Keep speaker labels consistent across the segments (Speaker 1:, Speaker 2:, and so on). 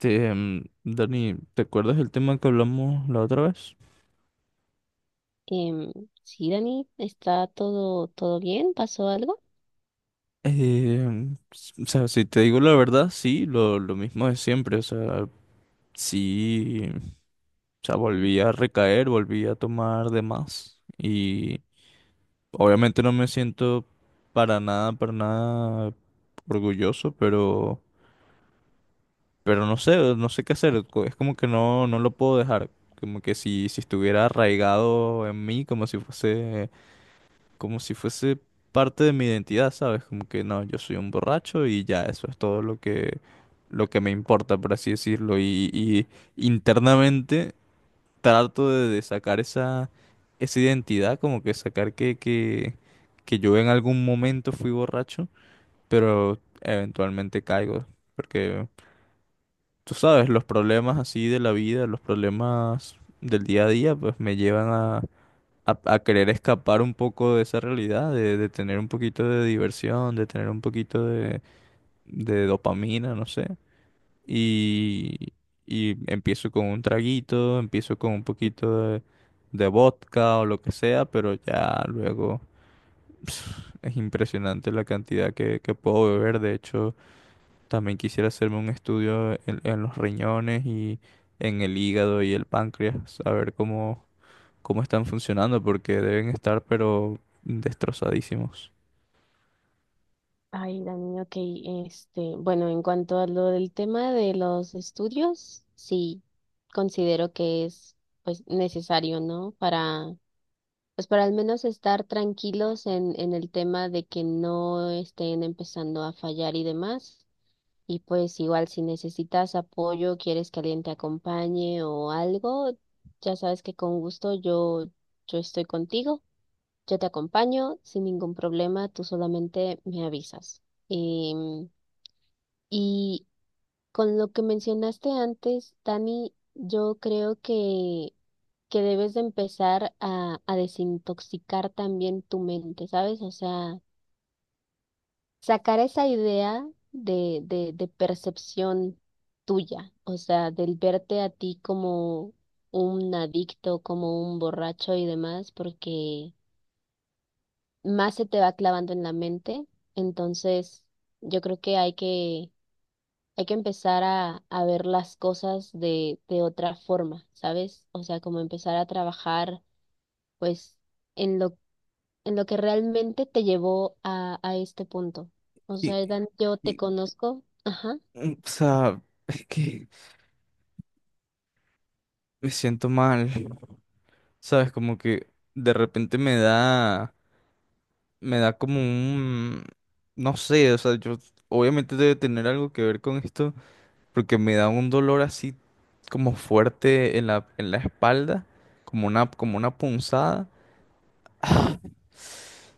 Speaker 1: Dani, ¿te acuerdas del tema que hablamos la otra vez?
Speaker 2: Em, sí, Dani, ¿está todo, bien? ¿Pasó algo?
Speaker 1: O sea, si te digo la verdad, sí, lo mismo de siempre, o sea, sí, o sea,
Speaker 2: Mm.
Speaker 1: volví a recaer, volví a tomar de más y obviamente no me siento para nada orgulloso, pero no sé, no sé qué hacer, es como que no, no lo puedo dejar, como que si estuviera arraigado en mí, como si fuese, como si fuese parte de mi identidad, ¿sabes? Como que no, yo soy un borracho y ya, eso es todo lo que me importa, por así decirlo. Y internamente trato de sacar esa, esa identidad, como que sacar que yo en algún momento fui borracho, pero eventualmente caigo. Porque tú sabes, los problemas así de la vida, los problemas del día a día, pues me llevan a querer escapar un poco de esa realidad, de tener un poquito de diversión, de tener un poquito de dopamina, no sé. Y, y empiezo con un traguito, empiezo con un poquito de vodka o lo que sea, pero ya luego es impresionante la cantidad que puedo beber. De hecho, también quisiera hacerme un estudio en los riñones y en el hígado y el páncreas, a ver cómo cómo están funcionando, porque deben estar pero destrozadísimos.
Speaker 2: Ay, Dani, ok, bueno, en cuanto a lo del tema de los estudios, sí, considero que es, pues, necesario, ¿no? Para, pues, para al menos estar tranquilos en, el tema de que no estén empezando a fallar y demás. Y pues, igual, si necesitas apoyo, quieres que alguien te acompañe o algo, ya sabes que con gusto yo estoy contigo. Yo te acompaño sin ningún problema, tú solamente me avisas. Em, y con lo que mencionaste antes, Dani, yo creo que debes de empezar a desintoxicar también tu mente, ¿sabes? O sea, sacar esa idea de percepción tuya, o sea, del verte a ti como un adicto, como un borracho y demás, porque más se te va clavando en la mente. Entonces, yo creo que hay que empezar a ver las cosas de, otra forma, ¿sabes? O sea, como empezar a trabajar, pues, en en lo que realmente te llevó a este punto. O
Speaker 1: Y,
Speaker 2: sea, Dan, yo te
Speaker 1: y,
Speaker 2: conozco. Ajá.
Speaker 1: o sea, es que me siento mal, ¿sabes? Como que de repente me da como un, no sé, o sea, yo obviamente debe tener algo que ver con esto, porque me da un dolor así como fuerte en en la espalda, como una punzada.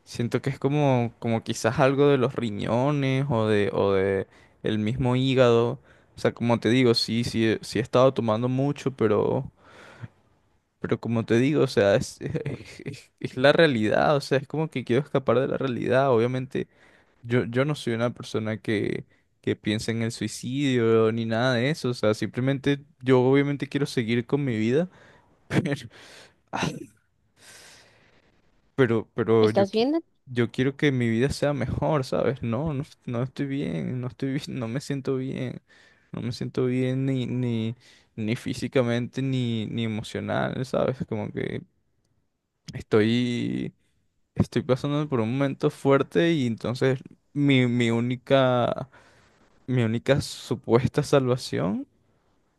Speaker 1: Siento que es como, como quizás algo de los riñones o de el mismo hígado. O sea, como te digo, sí, sí he estado tomando mucho, pero como te digo, o sea, es la realidad. O sea, es como que quiero escapar de la realidad. Obviamente, yo no soy una persona que piensa en el suicidio ni nada de eso. O sea, simplemente yo obviamente quiero seguir con mi vida. Pero
Speaker 2: ¿Estás bien, Dan?
Speaker 1: yo quiero que mi vida sea mejor, ¿sabes? No, no, no estoy bien, no estoy bien, no me siento bien, no me siento bien ni físicamente ni emocional, ¿sabes? Como que estoy, estoy pasando por un momento fuerte y entonces mi, mi única, mi única supuesta salvación,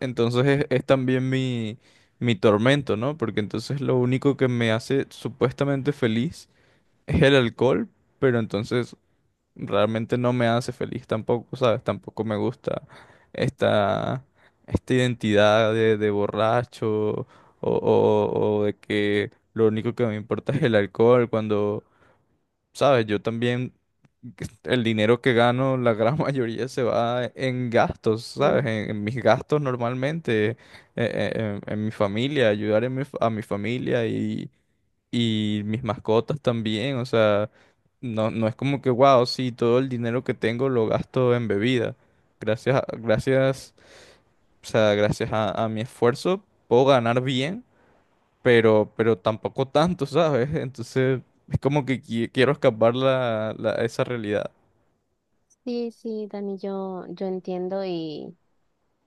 Speaker 1: entonces es también mi tormento, ¿no? Porque entonces lo único que me hace supuestamente feliz es el alcohol, pero entonces realmente no me hace feliz tampoco, ¿sabes? Tampoco me gusta esta, esta identidad de borracho o de que lo único que me importa es el alcohol, cuando, ¿sabes? Yo también, el dinero que gano, la gran mayoría se va en gastos, ¿sabes?
Speaker 2: Mm.
Speaker 1: En mis gastos normalmente, en mi familia, ayudar en a mi familia y mis mascotas también, o sea, no, no es como que, wow, sí, todo el dinero que tengo lo gasto en bebida. Gracias, o sea, gracias a mi esfuerzo puedo ganar bien, pero tampoco tanto, ¿sabes? Entonces es como que quiero escapar esa realidad.
Speaker 2: Sí, sí, Dani, yo entiendo. y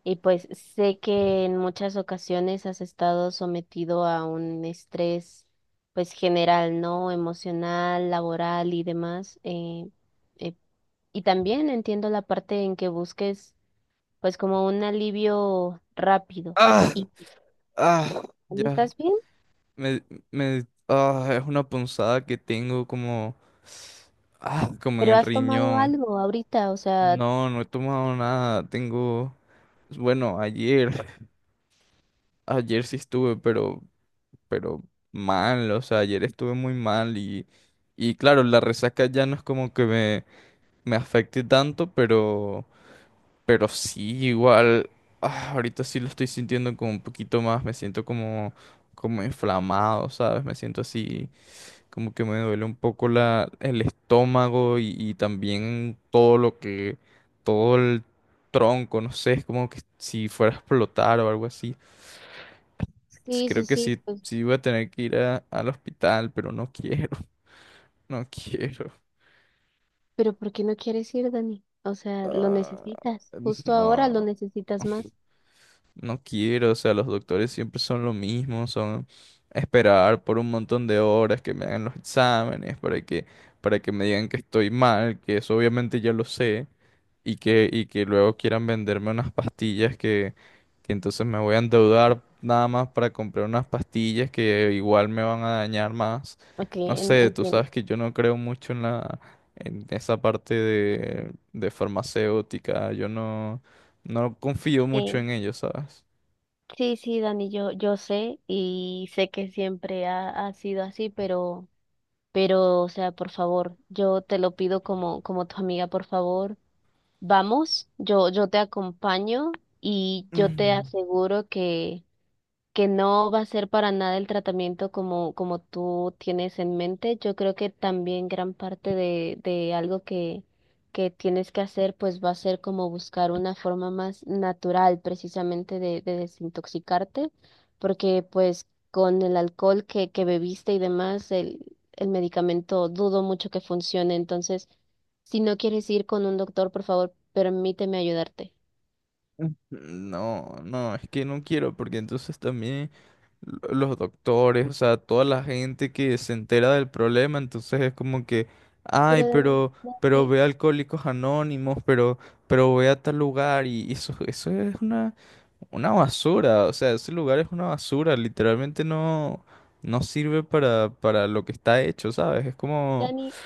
Speaker 2: Y pues sé que en muchas ocasiones has estado sometido a un estrés, pues general, ¿no? Emocional, laboral y demás. Eh, y también entiendo la parte en que busques, pues como un alivio rápido.
Speaker 1: ¡Ah!
Speaker 2: Y
Speaker 1: ¡Ah! Ya,
Speaker 2: ¿estás bien?
Speaker 1: me, es una punzada que tengo como, ah, como en
Speaker 2: Pero
Speaker 1: el
Speaker 2: ¿has tomado
Speaker 1: riñón.
Speaker 2: algo ahorita? O sea,
Speaker 1: No, no he tomado nada, tengo... Bueno, ayer, ayer sí estuve, pero mal, o sea, ayer estuve muy mal y claro, la resaca ya no es como que me afecte tanto, pero sí, igual, ah, ahorita sí lo estoy sintiendo como un poquito más, me siento como, como inflamado, ¿sabes? Me siento así, como que me duele un poco el estómago y también todo lo que, todo el tronco, no sé, es como que si fuera a explotar o algo así. Sí,
Speaker 2: sí, sí,
Speaker 1: creo que
Speaker 2: sí,
Speaker 1: sí,
Speaker 2: pues,
Speaker 1: sí voy a tener que ir a- al hospital, pero no quiero, no quiero.
Speaker 2: pero ¿por qué no quieres ir, Dani? O sea, lo
Speaker 1: Ah,
Speaker 2: necesitas, justo ahora lo
Speaker 1: no,
Speaker 2: necesitas más.
Speaker 1: no quiero, o sea, los doctores siempre son lo mismo, son esperar por un montón de horas que me hagan los exámenes para que me digan que estoy mal, que eso obviamente ya lo sé, y que luego quieran venderme unas pastillas que entonces me voy a endeudar nada más para comprar unas pastillas que igual me van a dañar más.
Speaker 2: Ok,
Speaker 1: No sé, tú
Speaker 2: entiendo.
Speaker 1: sabes que yo no creo mucho en en esa parte de farmacéutica, yo no, no confío mucho
Speaker 2: Sí.
Speaker 1: en ello, ¿sabes?
Speaker 2: Sí, sí, Dani, yo sé, y sé que siempre ha sido así, pero, o sea, por favor, yo te lo pido como, como tu amiga, por favor, vamos, yo te acompaño y yo te
Speaker 1: Mm,
Speaker 2: aseguro que no va a ser para nada el tratamiento como, como tú tienes en mente. Yo creo que también gran parte de algo que tienes que hacer, pues va a ser como buscar una forma más natural precisamente de desintoxicarte, porque pues con el alcohol que bebiste y demás, el medicamento dudo mucho que funcione. Entonces, si no quieres ir con un doctor, por favor, permíteme ayudarte.
Speaker 1: mm. No, no, es que no quiero porque entonces también los doctores, o sea, toda la gente que se entera del problema, entonces es como que, ay,
Speaker 2: Pero Dani,
Speaker 1: pero
Speaker 2: Dani,
Speaker 1: ve a Alcohólicos Anónimos, pero ve a tal lugar, y eso es una basura, o sea, ese lugar es una basura, literalmente no, no sirve para lo que está hecho, ¿sabes? Es como...
Speaker 2: Dani,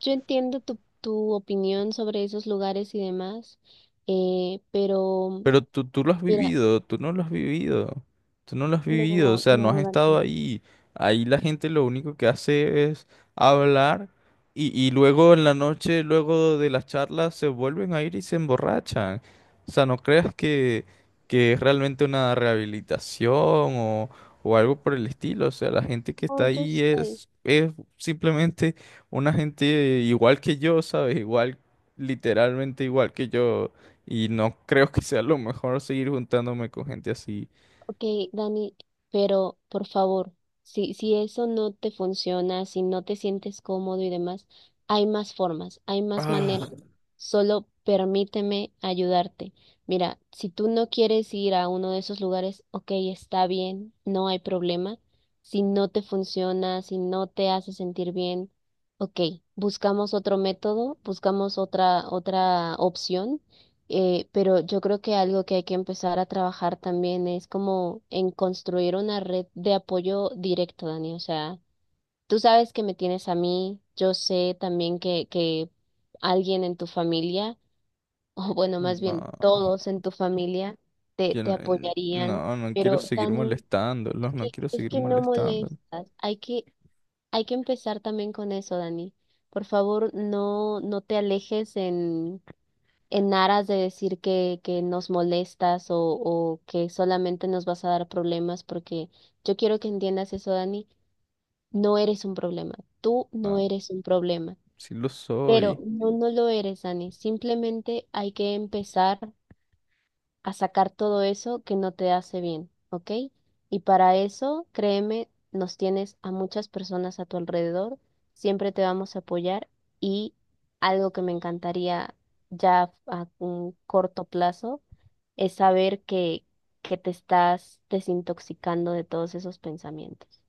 Speaker 2: yo entiendo tu opinión sobre esos lugares y demás, pero
Speaker 1: Pero tú lo has
Speaker 2: mira,
Speaker 1: vivido, tú no lo has vivido, tú no lo has vivido, o
Speaker 2: no,
Speaker 1: sea, no has
Speaker 2: no,
Speaker 1: estado
Speaker 2: Dani.
Speaker 1: ahí. Ahí la gente lo único que hace es hablar y luego en la noche, luego de las charlas, se vuelven a ir y se emborrachan. O sea, no creas que es realmente una rehabilitación o algo por el estilo. O sea, la gente que está
Speaker 2: No, yo
Speaker 1: ahí
Speaker 2: sé.
Speaker 1: es simplemente una gente igual que yo, ¿sabes? Igual, literalmente igual que yo. Y no creo que sea lo mejor seguir juntándome con gente así.
Speaker 2: Ok, Dani, pero por favor, si eso no te funciona, si no te sientes cómodo y demás, hay más formas, hay más
Speaker 1: Ah,
Speaker 2: maneras. Solo permíteme ayudarte. Mira, si tú no quieres ir a uno de esos lugares, ok, está bien, no hay problema. Si no te funciona, si no te hace sentir bien, ok, buscamos otro método, buscamos otra opción. Pero yo creo que algo que hay que empezar a trabajar también es como en construir una red de apoyo directo, Dani. O sea, tú sabes que me tienes a mí, yo sé también que alguien en tu familia, o bueno, más bien
Speaker 1: no,
Speaker 2: todos en tu familia,
Speaker 1: yo
Speaker 2: te
Speaker 1: no,
Speaker 2: apoyarían.
Speaker 1: no quiero
Speaker 2: Pero,
Speaker 1: seguir
Speaker 2: Dani,
Speaker 1: molestándolos, no quiero
Speaker 2: es
Speaker 1: seguir
Speaker 2: que no
Speaker 1: molestándolos.
Speaker 2: molestas. Hay que empezar también con eso, Dani. Por favor, no te alejes en aras de decir que nos molestas o que solamente nos vas a dar problemas, porque yo quiero que entiendas eso, Dani, no eres un problema, tú no
Speaker 1: Ah,
Speaker 2: eres un problema,
Speaker 1: sí lo
Speaker 2: pero
Speaker 1: soy.
Speaker 2: no, no lo eres, Dani, simplemente hay que empezar a sacar todo eso que no te hace bien, ¿ok? Y para eso, créeme, nos tienes a muchas personas a tu alrededor, siempre te vamos a apoyar y algo que me encantaría ya a un corto plazo es saber que te estás desintoxicando de todos esos pensamientos.